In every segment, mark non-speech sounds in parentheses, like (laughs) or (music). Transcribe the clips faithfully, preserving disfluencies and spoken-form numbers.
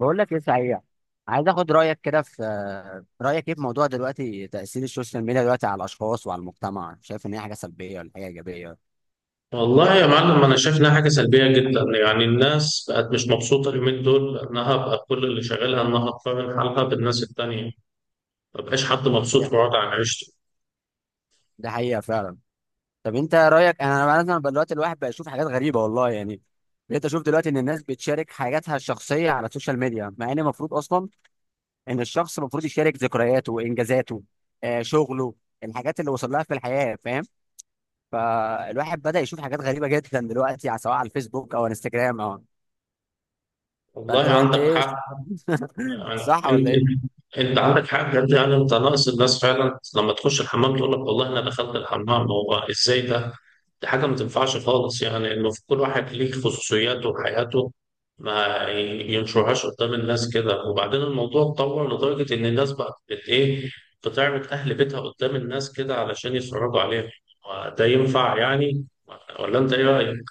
بقول لك ايه صحيح. عايز اخد رايك كده في رايك ايه في موضوع دلوقتي تاثير السوشيال ميديا دلوقتي على الاشخاص وعلى المجتمع، شايف ان هي حاجه سلبيه ولا حاجه ايجابيه؟ والله يا معلم انا شايف انها حاجه سلبيه جدا يعني الناس بقت مش مبسوطه اليومين دول بانها بقى كل اللي شغالها انها تقارن حالها بالناس التانيه. ما بقاش حد مبسوط ده في وضع عيشته. ده حقيقه فعلا. طب انت رايك، انا مثلا بقى دلوقتي الواحد بقى يشوف حاجات غريبه والله، يعني بقيت اشوف دلوقتي ان الناس بتشارك حاجاتها الشخصيه على السوشيال ميديا، مع ان المفروض اصلا ان الشخص المفروض يشارك ذكرياته وانجازاته، آه شغله الحاجات اللي وصل لها في الحياه، فاهم؟ فالواحد بدا يشوف حاجات غريبه جدا دلوقتي على- سواء على الفيسبوك او انستجرام او والله فانت بقى انت عندك ايه؟ حق. (laughs) يعني صح انت ولا ايه؟ انت انت عندك حق بجد, يعني انت ناقص الناس فعلا لما تخش الحمام تقول لك والله انا دخلت الحمام هو ازاي ده. دي حاجة ما تنفعش خالص, يعني المفروض كل واحد ليه خصوصياته وحياته ما ينشرهاش قدام الناس كده. وبعدين الموضوع اتطور لدرجة إن الناس بقت بت إيه, بتعرض أهل بيتها قدام الناس كده علشان يتفرجوا عليها. وده ينفع يعني؟ ولا أنت إيه رأيك؟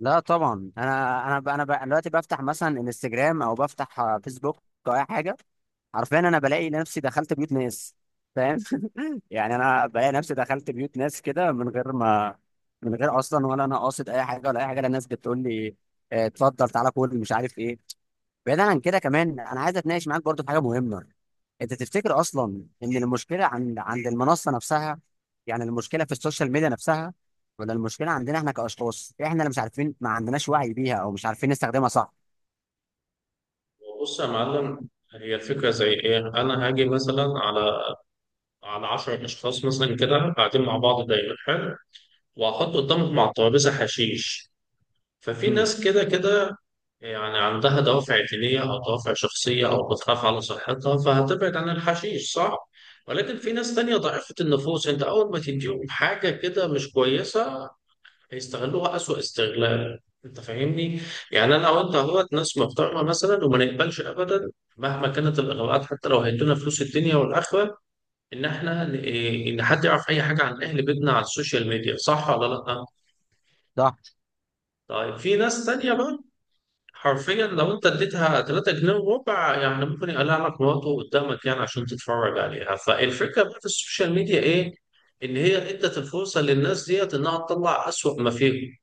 لا طبعا، انا انا ب- انا ب- أنا دلوقتي بفتح مثلا انستجرام او بفتح آه، فيسبوك او اي حاجه، حرفيا انا بلاقي نفسي دخلت بيوت ناس، فاهم؟ (laughs) يعني انا بلاقي نفسي دخلت بيوت ناس كده من غير ما من غير اصلا ولا انا قاصد اي حاجه ولا اي حاجه، لا الناس بتقول لي آه، اتفضل تعالى كل مش عارف ايه. بعيدا عن كده كمان، انا عايز اتناقش معاك برضو في حاجه مهمه. انت تفتكر اصلا ان المشكله عند عند المنصه نفسها، يعني المشكله في السوشيال ميديا نفسها، ولا المشكله عندنا احنا كاشخاص، احنا اللي مش عارفين ما عندناش وعي بيها او مش عارفين نستخدمها صح؟ بص يا معلم, هي الفكرة زي إيه؟ أنا هاجي مثلا على على عشرة أشخاص مثلا كده قاعدين مع بعض دايما حلو, وهحط قدامهم على الترابيزة حشيش. ففي امم ناس كده كده يعني عندها دوافع دينية أو دوافع شخصية أو بتخاف على صحتها فهتبعد عن الحشيش صح؟ ولكن في ناس تانية ضعيفة النفوس, أنت أول ما تديهم حاجة كده مش كويسة هيستغلوها أسوأ استغلال. أنت فاهمني؟ يعني أنا وأنت أهوت ناس محترمة مثلا وما نقبلش أبدا مهما كانت الإغراءات, حتى لو هيدونا فلوس الدنيا والآخرة, إن إحنا إن حد يعرف أي حاجة عن أهل بيتنا على السوشيال ميديا. صح ولا لأ؟ صح. طيب في ناس تانية بقى حرفيا لو انت اديتها ثلاثة جنيه وربع يعني ممكن يقلع لك مراته قدامك يعني عشان تتفرج عليها. فالفكره بقى في السوشيال ميديا ايه؟ ان هي ادت الفرصه للناس ديت انها تطلع اسوأ ما فيهم.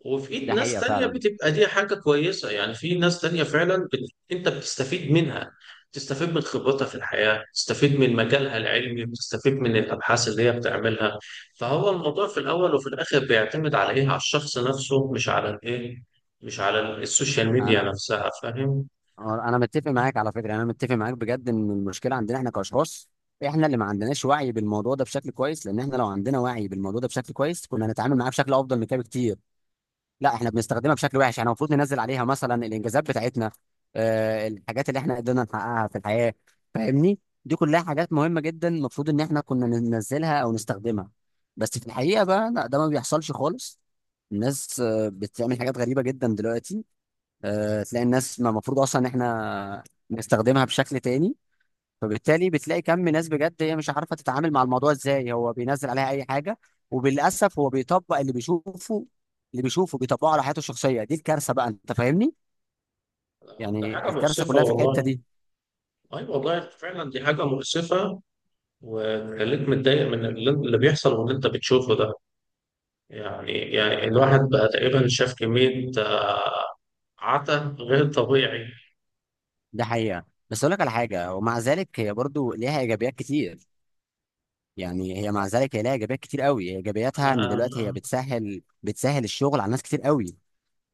وفي ايد ده ناس حقيقه تانية فعلا. بتبقى دي حاجة كويسة, يعني في ناس تانية فعلا بت... انت بتستفيد منها, تستفيد من خبرتها في الحياة, تستفيد من مجالها العلمي, بتستفيد من الأبحاث اللي هي بتعملها. فهو الموضوع في الأول وفي الآخر بيعتمد على إيه, على الشخص نفسه مش على الإيه, مش على السوشيال ميديا انا نفسها. فاهم؟ انا متفق معاك على فكره، انا متفق معاك بجد ان المشكله عندنا احنا كاشخاص، احنا اللي ما عندناش وعي بالموضوع ده بشكل كويس، لان احنا لو عندنا وعي بالموضوع ده بشكل كويس كنا هنتعامل معاه بشكل افضل من كده بكتير. لا احنا بنستخدمها بشكل وحش، احنا المفروض ننزل عليها مثلا الانجازات بتاعتنا، آه، الحاجات اللي احنا قدرنا نحققها في الحياة، فاهمني؟ دي كلها حاجات مهمة جدا المفروض ان احنا كنا ننزلها او نستخدمها، بس في الحقيقة بقى لا ده ما بيحصلش خالص. الناس آه، بتعمل حاجات غريبة جدا دلوقتي، آه، تلاقي الناس ما المفروض اصلا ان احنا نستخدمها بشكل تاني. فبالتالي بتلاقي كم ناس بجد هي مش عارفه تتعامل مع الموضوع ازاي، هو بينزل عليها اي حاجه وبالاسف هو بيطبق اللي بيشوفه، اللي بيشوفه بيطبقه على حياته الشخصيه. دي الكارثه بقى، انت فاهمني؟ ده يعني حاجة الكارثه مؤسفة كلها في الحته والله. دي. أي والله فعلا دي حاجة مؤسفة. وخليك متضايق من اللي اللي بيحصل واللي انت بتشوفه ده. يعني يعني ده الواحد حقيقة. بقى تقريبا شاف كمية عتا غير طبيعي. ده حقيقة. بس اقول لك على حاجه، ومع ذلك هي برضو ليها ايجابيات كتير. يعني هي مع ذلك هي ليها ايجابيات كتير قوي، هي انا ايجابياتها ان دلوقتي هي أنا- بتسهل بتسهل الشغل على ناس كتير قوي.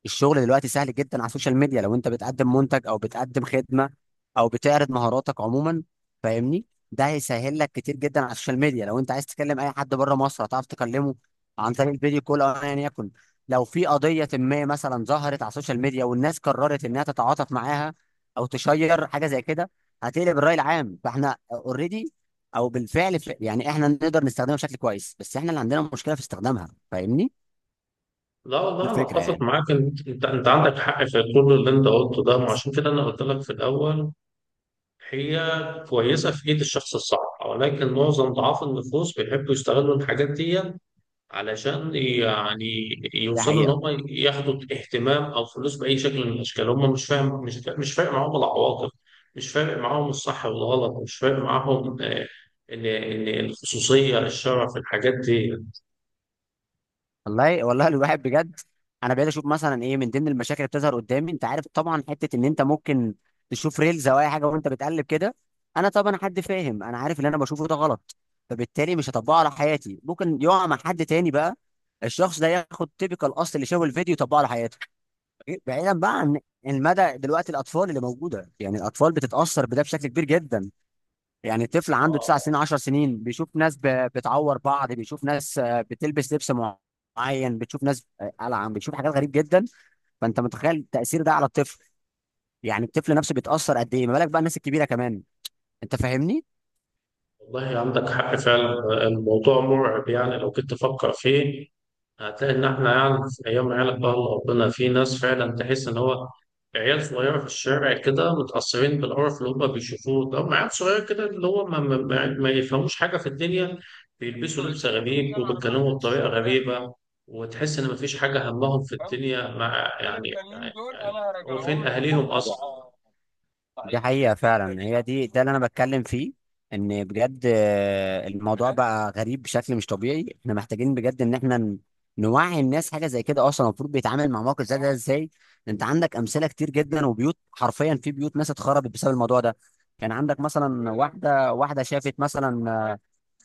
الشغل دلوقتي سهل جدا على السوشيال ميديا، لو انت بتقدم منتج او بتقدم خدمه او بتعرض مهاراتك عموما، فاهمني؟ ده هيسهل لك كتير جدا. على السوشيال ميديا لو انت عايز تكلم اي حد بره مصر هتعرف تكلمه عن طريق الفيديو كول او ايا يكن. لو في قضيه ما مثلا ظهرت على السوشيال ميديا والناس قررت انها تتعاطف معاها او تشير حاجه زي كده هتقلب الراي العام. فاحنا اوريدي او بالفعل ف- يعني احنا نقدر نستخدمها بشكل كويس، بس احنا اللي عندنا مشكله في استخدامها، فاهمني؟ لا دي والله انا الفكره اتفق يعني. معاك ان انت انت أنت عندك حق في كل اللي انت قلته ده, وعشان كده انا قلت لك في الاول هي كويسه في ايد الشخص الصح. ولكن معظم ضعاف النفوس بيحبوا يستغلوا الحاجات دي علشان يعني ده يوصلوا ان حقيقة. هم ياخدوا اهتمام او فلوس باي شكل من الاشكال. هم مش فاهم, مش فا- مش فارق معاهم العواقب, مش فارق معاهم الصح والغلط, مش فارق معاهم آه، ان ان الخصوصيه الشرع في الحاجات دي. والله والله الواحد بجد، انا بقيت اشوف مثلا ايه من ضمن المشاكل اللي بتظهر قدامي، انت عارف طبعا حته ان انت ممكن تشوف ريلز او اي حاجه وانت بتقلب كده. انا طبعا حد فاهم، انا عارف اللي انا بشوفه ده غلط، فبالتالي مش هطبقه على حياتي. ممكن يقع مع حد تاني بقى، الشخص ده ياخد تيبيكال الاصل اللي شافه الفيديو يطبقه على حياته. بعيدا بقى عن المدى، دلوقتي الاطفال اللي موجوده، يعني الاطفال بتتاثر بده بشكل كبير جدا. يعني طفل عنده تسع سنين اه عشر سنين بيشوف ناس ب- بتعور بعض، بيشوف ناس آه، بتلبس لبس معين، بتشوف ناس آه، قلعان، بتشوف حاجات غريب جدا. فانت متخيل التأثير ده على الطفل؟ يعني الطفل نفسه بيتأثر قد ايه، ما بالك بقى الناس الكبيرة كمان، انت فاهمني؟ والله عندك حق فعلا. الموضوع مرعب يعني لو كنت تفكر فيه هتلاقي إن إحنا يعني في أيام عيالك بقى الله ربنا, في ناس فعلا تحس إن هو عيال صغيرة في الشارع كده متأثرين بالقرف اللي هما بيشوفوه ده. هم عيال صغيرة كده اللي هو ما, ما, ما ما يفهموش حاجة في الدنيا, بيلبسوا لبس غريب وبيتكلموا بطريقة غريبة, وتحس إن مفيش حاجة همهم في الدنيا مع يعني يعني, يعني, هو فين أهاليهم أصلا؟ دي حقيقة فعلا، هي دي ده اللي انا بتكلم فيه. ان بجد آه، الموضوع بقى غريب بشكل مش طبيعي. احنا محتاجين بجد ان احنا ن- نوعي الناس حاجة زي كده، أه، اصلا المفروض بيتعامل مع موقف زي ده ازاي. انت عندك امثلة كتير جدا وبيوت، حرفيا في بيوت ناس اتخربت بسبب الموضوع ده. كان عندك مثلا واحدة واحدة شافت مثلا آه،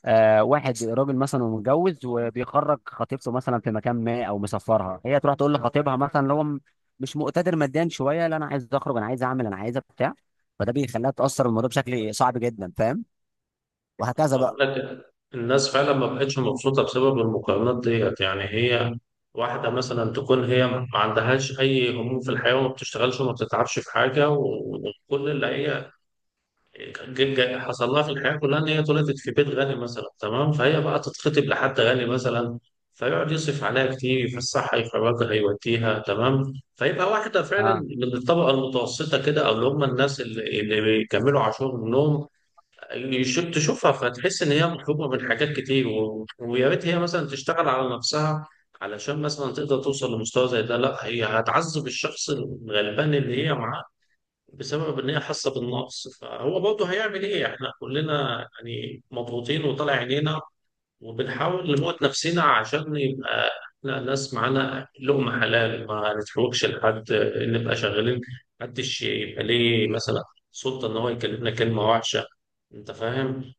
آه واحد راجل مثلا ومتجوز وبيخرج خطيبته مثلا في مكان ما او مسافرها، هي تروح تقول لخطيبها مثلا اللي هو م- مش مقتدر ماديا شويه، لا انا عايز اخرج انا عايز اعمل انا عايز بتاع، فده بيخليها تاثر الموضوع بشكل صعب جدا، فاهم؟ وهكذا انا قلت بقى. لك الناس فعلا ما بقتش مبسوطه بسبب المقارنات ديت. يعني هي واحده مثلا تكون هي ما عندهاش اي هموم في الحياه وما بتشتغلش وما بتتعبش في حاجه, و- وكل اللي هي جي- جي- حصل لها في الحياه كلها ان هي اتولدت في بيت غني مثلا, تمام؟ فهي بقى تتخطب لحد غني مثلا فيقعد يصرف عليها كتير, يفسحها يخرجها يوديها, تمام؟ فيبقى واحده فعلا اه. من الطبقه المتوسطه كده, او اللي هم الناس اللي اللي بيكملوا عاشورهم يشوف تشوفها فتحس ان هي مطلوبه من حاجات كتير. و... ويا ريت هي مثلا تشتغل على نفسها علشان مثلا تقدر توصل لمستوى زي ده. لا, هي هتعذب الشخص الغلبان اللي هي معاه بسبب ان هي حاسه بالنقص. فهو برضه هيعمل ايه, احنا كلنا يعني مضغوطين وطالع عينينا, وبنحاول نموت نفسنا عشان يبقى احنا ناس معانا لقمه حلال ما نتحوجش لحد, نبقى شغالين, محدش يبقى ليه مثلا سلطه ان هو يكلمنا كلمه وحشه. انت فاهم؟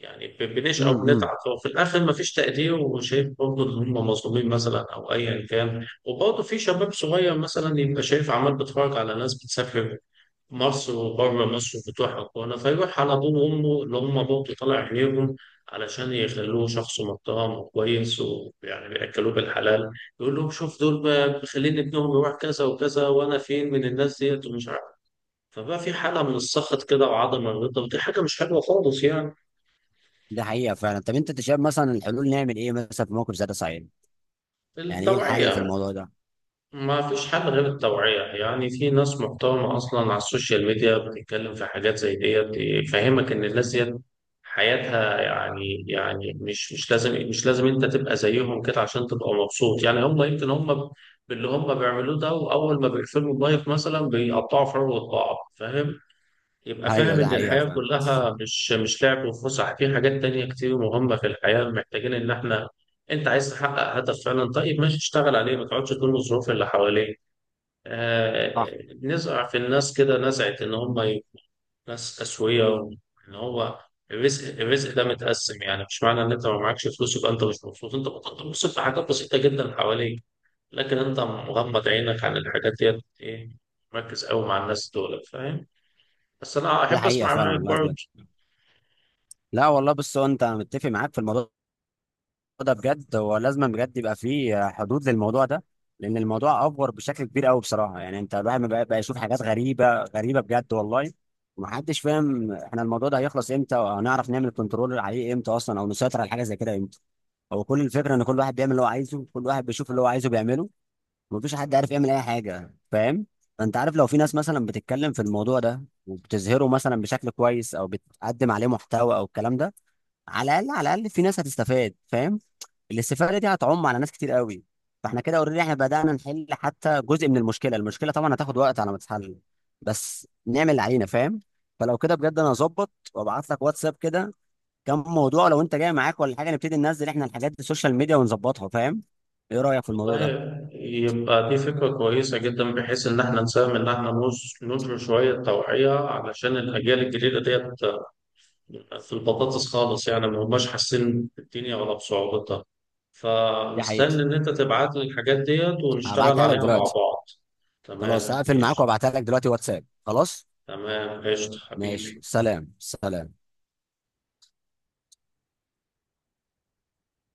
يعني ب- بنشقى وبنتعب امم وفي الاخر مفيش تقدير, وشايف برضه ان هم مظلومين مثلا او ايا كان. وبرضه في شباب صغير مثلا يبقى شايف عمال بيتفرج على ناس بتسافر مصر وبره مصر وبتروح هنا, فيروح على ابوه وامه اللي هم برضه طالع عينيهم علشان يخلوه شخص محترم وكويس ويعني بياكلوه بالحلال, يقول لهم شوف دول ب- مخلين ابنهم يروح كذا وكذا وانا فين من الناس ديت ومش عارف. فبقى في حاله من السخط كده وعدم الرضا, ودي حاجه مش حلوه خالص يعني. ده حقيقه فعلا. طب انت أنت شايف مثلا الحلول نعمل ايه مثلا في موقف زي ده صحيح؟ يعني ايه الحل في التوعيه. الموضوع ده؟ ما فيش حل غير التوعية. يعني في ناس محترمة أصلا على السوشيال ميديا بتتكلم في حاجات زي ديت تفهمك إن الناس ديت حياتها يعني يعني, مش مش لازم مش لازم أنت تبقى زيهم كده عشان تبقى مبسوط. يعني هم يمكن هم ب- باللي هم بيعملوه ده وأول ما بيقفلوا اللايف مثلا بيقطعوا في عروة بعض. فاهم؟ يبقى ايوه فاهم ده إن حقيقه الحياة فعلا. كلها مش مش لعب وفسح, في حاجات تانية كتير مهمة في الحياة محتاجين إن إحنا, أنت عايز تحقق هدف فعلا طيب ماشي اشتغل عليه, ما تقعدش تلوم الظروف اللي حواليك. صح. آه, نزرع في الناس كده نزعة إن هم يبقوا ناس أسوية, وإن هو الرزق الرزق ده متقسم. يعني مش معنى إن أنت ما معكش فلوس يبقى أنت مش مبسوط, أنت بتنبسط في حاجات بسيطة جدا حواليك, لكن أنت مغمض عينك عن الحاجات ديت, إيه مركز قوي مع الناس دول. فاهم؟ بس أنا دي أحب حقيقه أسمع فعلا رأيك والله برضه. بجد. لا والله، بص هو انت متفق معاك في الموضوع ده بجد، هو لازم بجد يبقى فيه حدود للموضوع ده، لان الموضوع افور بشكل كبير قوي بصراحه، يعني انت الواحد بقى, بقى يشوف حاجات غريبه غريبه بجد والله. ومحدش فاهم احنا الموضوع ده هيخلص امتى، وهنعرف نعمل كنترول عليه امتى اصلا او نسيطر على حاجه زي كده امتى. هو كل الفكره ان كل واحد بيعمل اللي هو عايزه، كل واحد بيشوف اللي هو عايزه بيعمله، مفيش حد عارف يعمل اي حاجه، فاهم؟ انت عارف، لو في ناس مثلا بتتكلم في الموضوع ده وبتظهره مثلا بشكل كويس او بتقدم عليه محتوى او الكلام ده، على الاقل على الاقل في ناس هتستفاد، فاهم؟ الاستفاده دي هتعم على ناس كتير قوي. فاحنا كده اوريدي احنا بدانا نحل حتى جزء من المشكله. المشكله طبعا هتاخد وقت على ما تتحل، بس نعمل العينه، فاهم؟ فلو كده بجد، انا هظبط وابعت لك واتساب كده كم موضوع، لو انت جاي معاك ولا حاجه نبتدي ننزل احنا الحاجات دي السوشيال ميديا ونظبطها، فاهم؟ ايه رايك في الموضوع والله ده؟ يبقى دي فكرة كويسة جدا بحيث إن إحنا نساهم إن إحنا نوص- ننشر شوية توعية علشان الأجيال الجديدة ديت في البطاطس خالص, يعني ما هماش حاسين بالدنيا ولا بصعوبتها. دي فمستني حقيقة. إن أنت تبعت لي الحاجات ديت ونشتغل هبعتها لك عليها مع دلوقتي. بعض. خلاص تمام هقفل معاك ماشي. وابعتها لك دلوقتي واتساب خلاص. تمام قشطة ماشي، حبيبي. سلام سلام.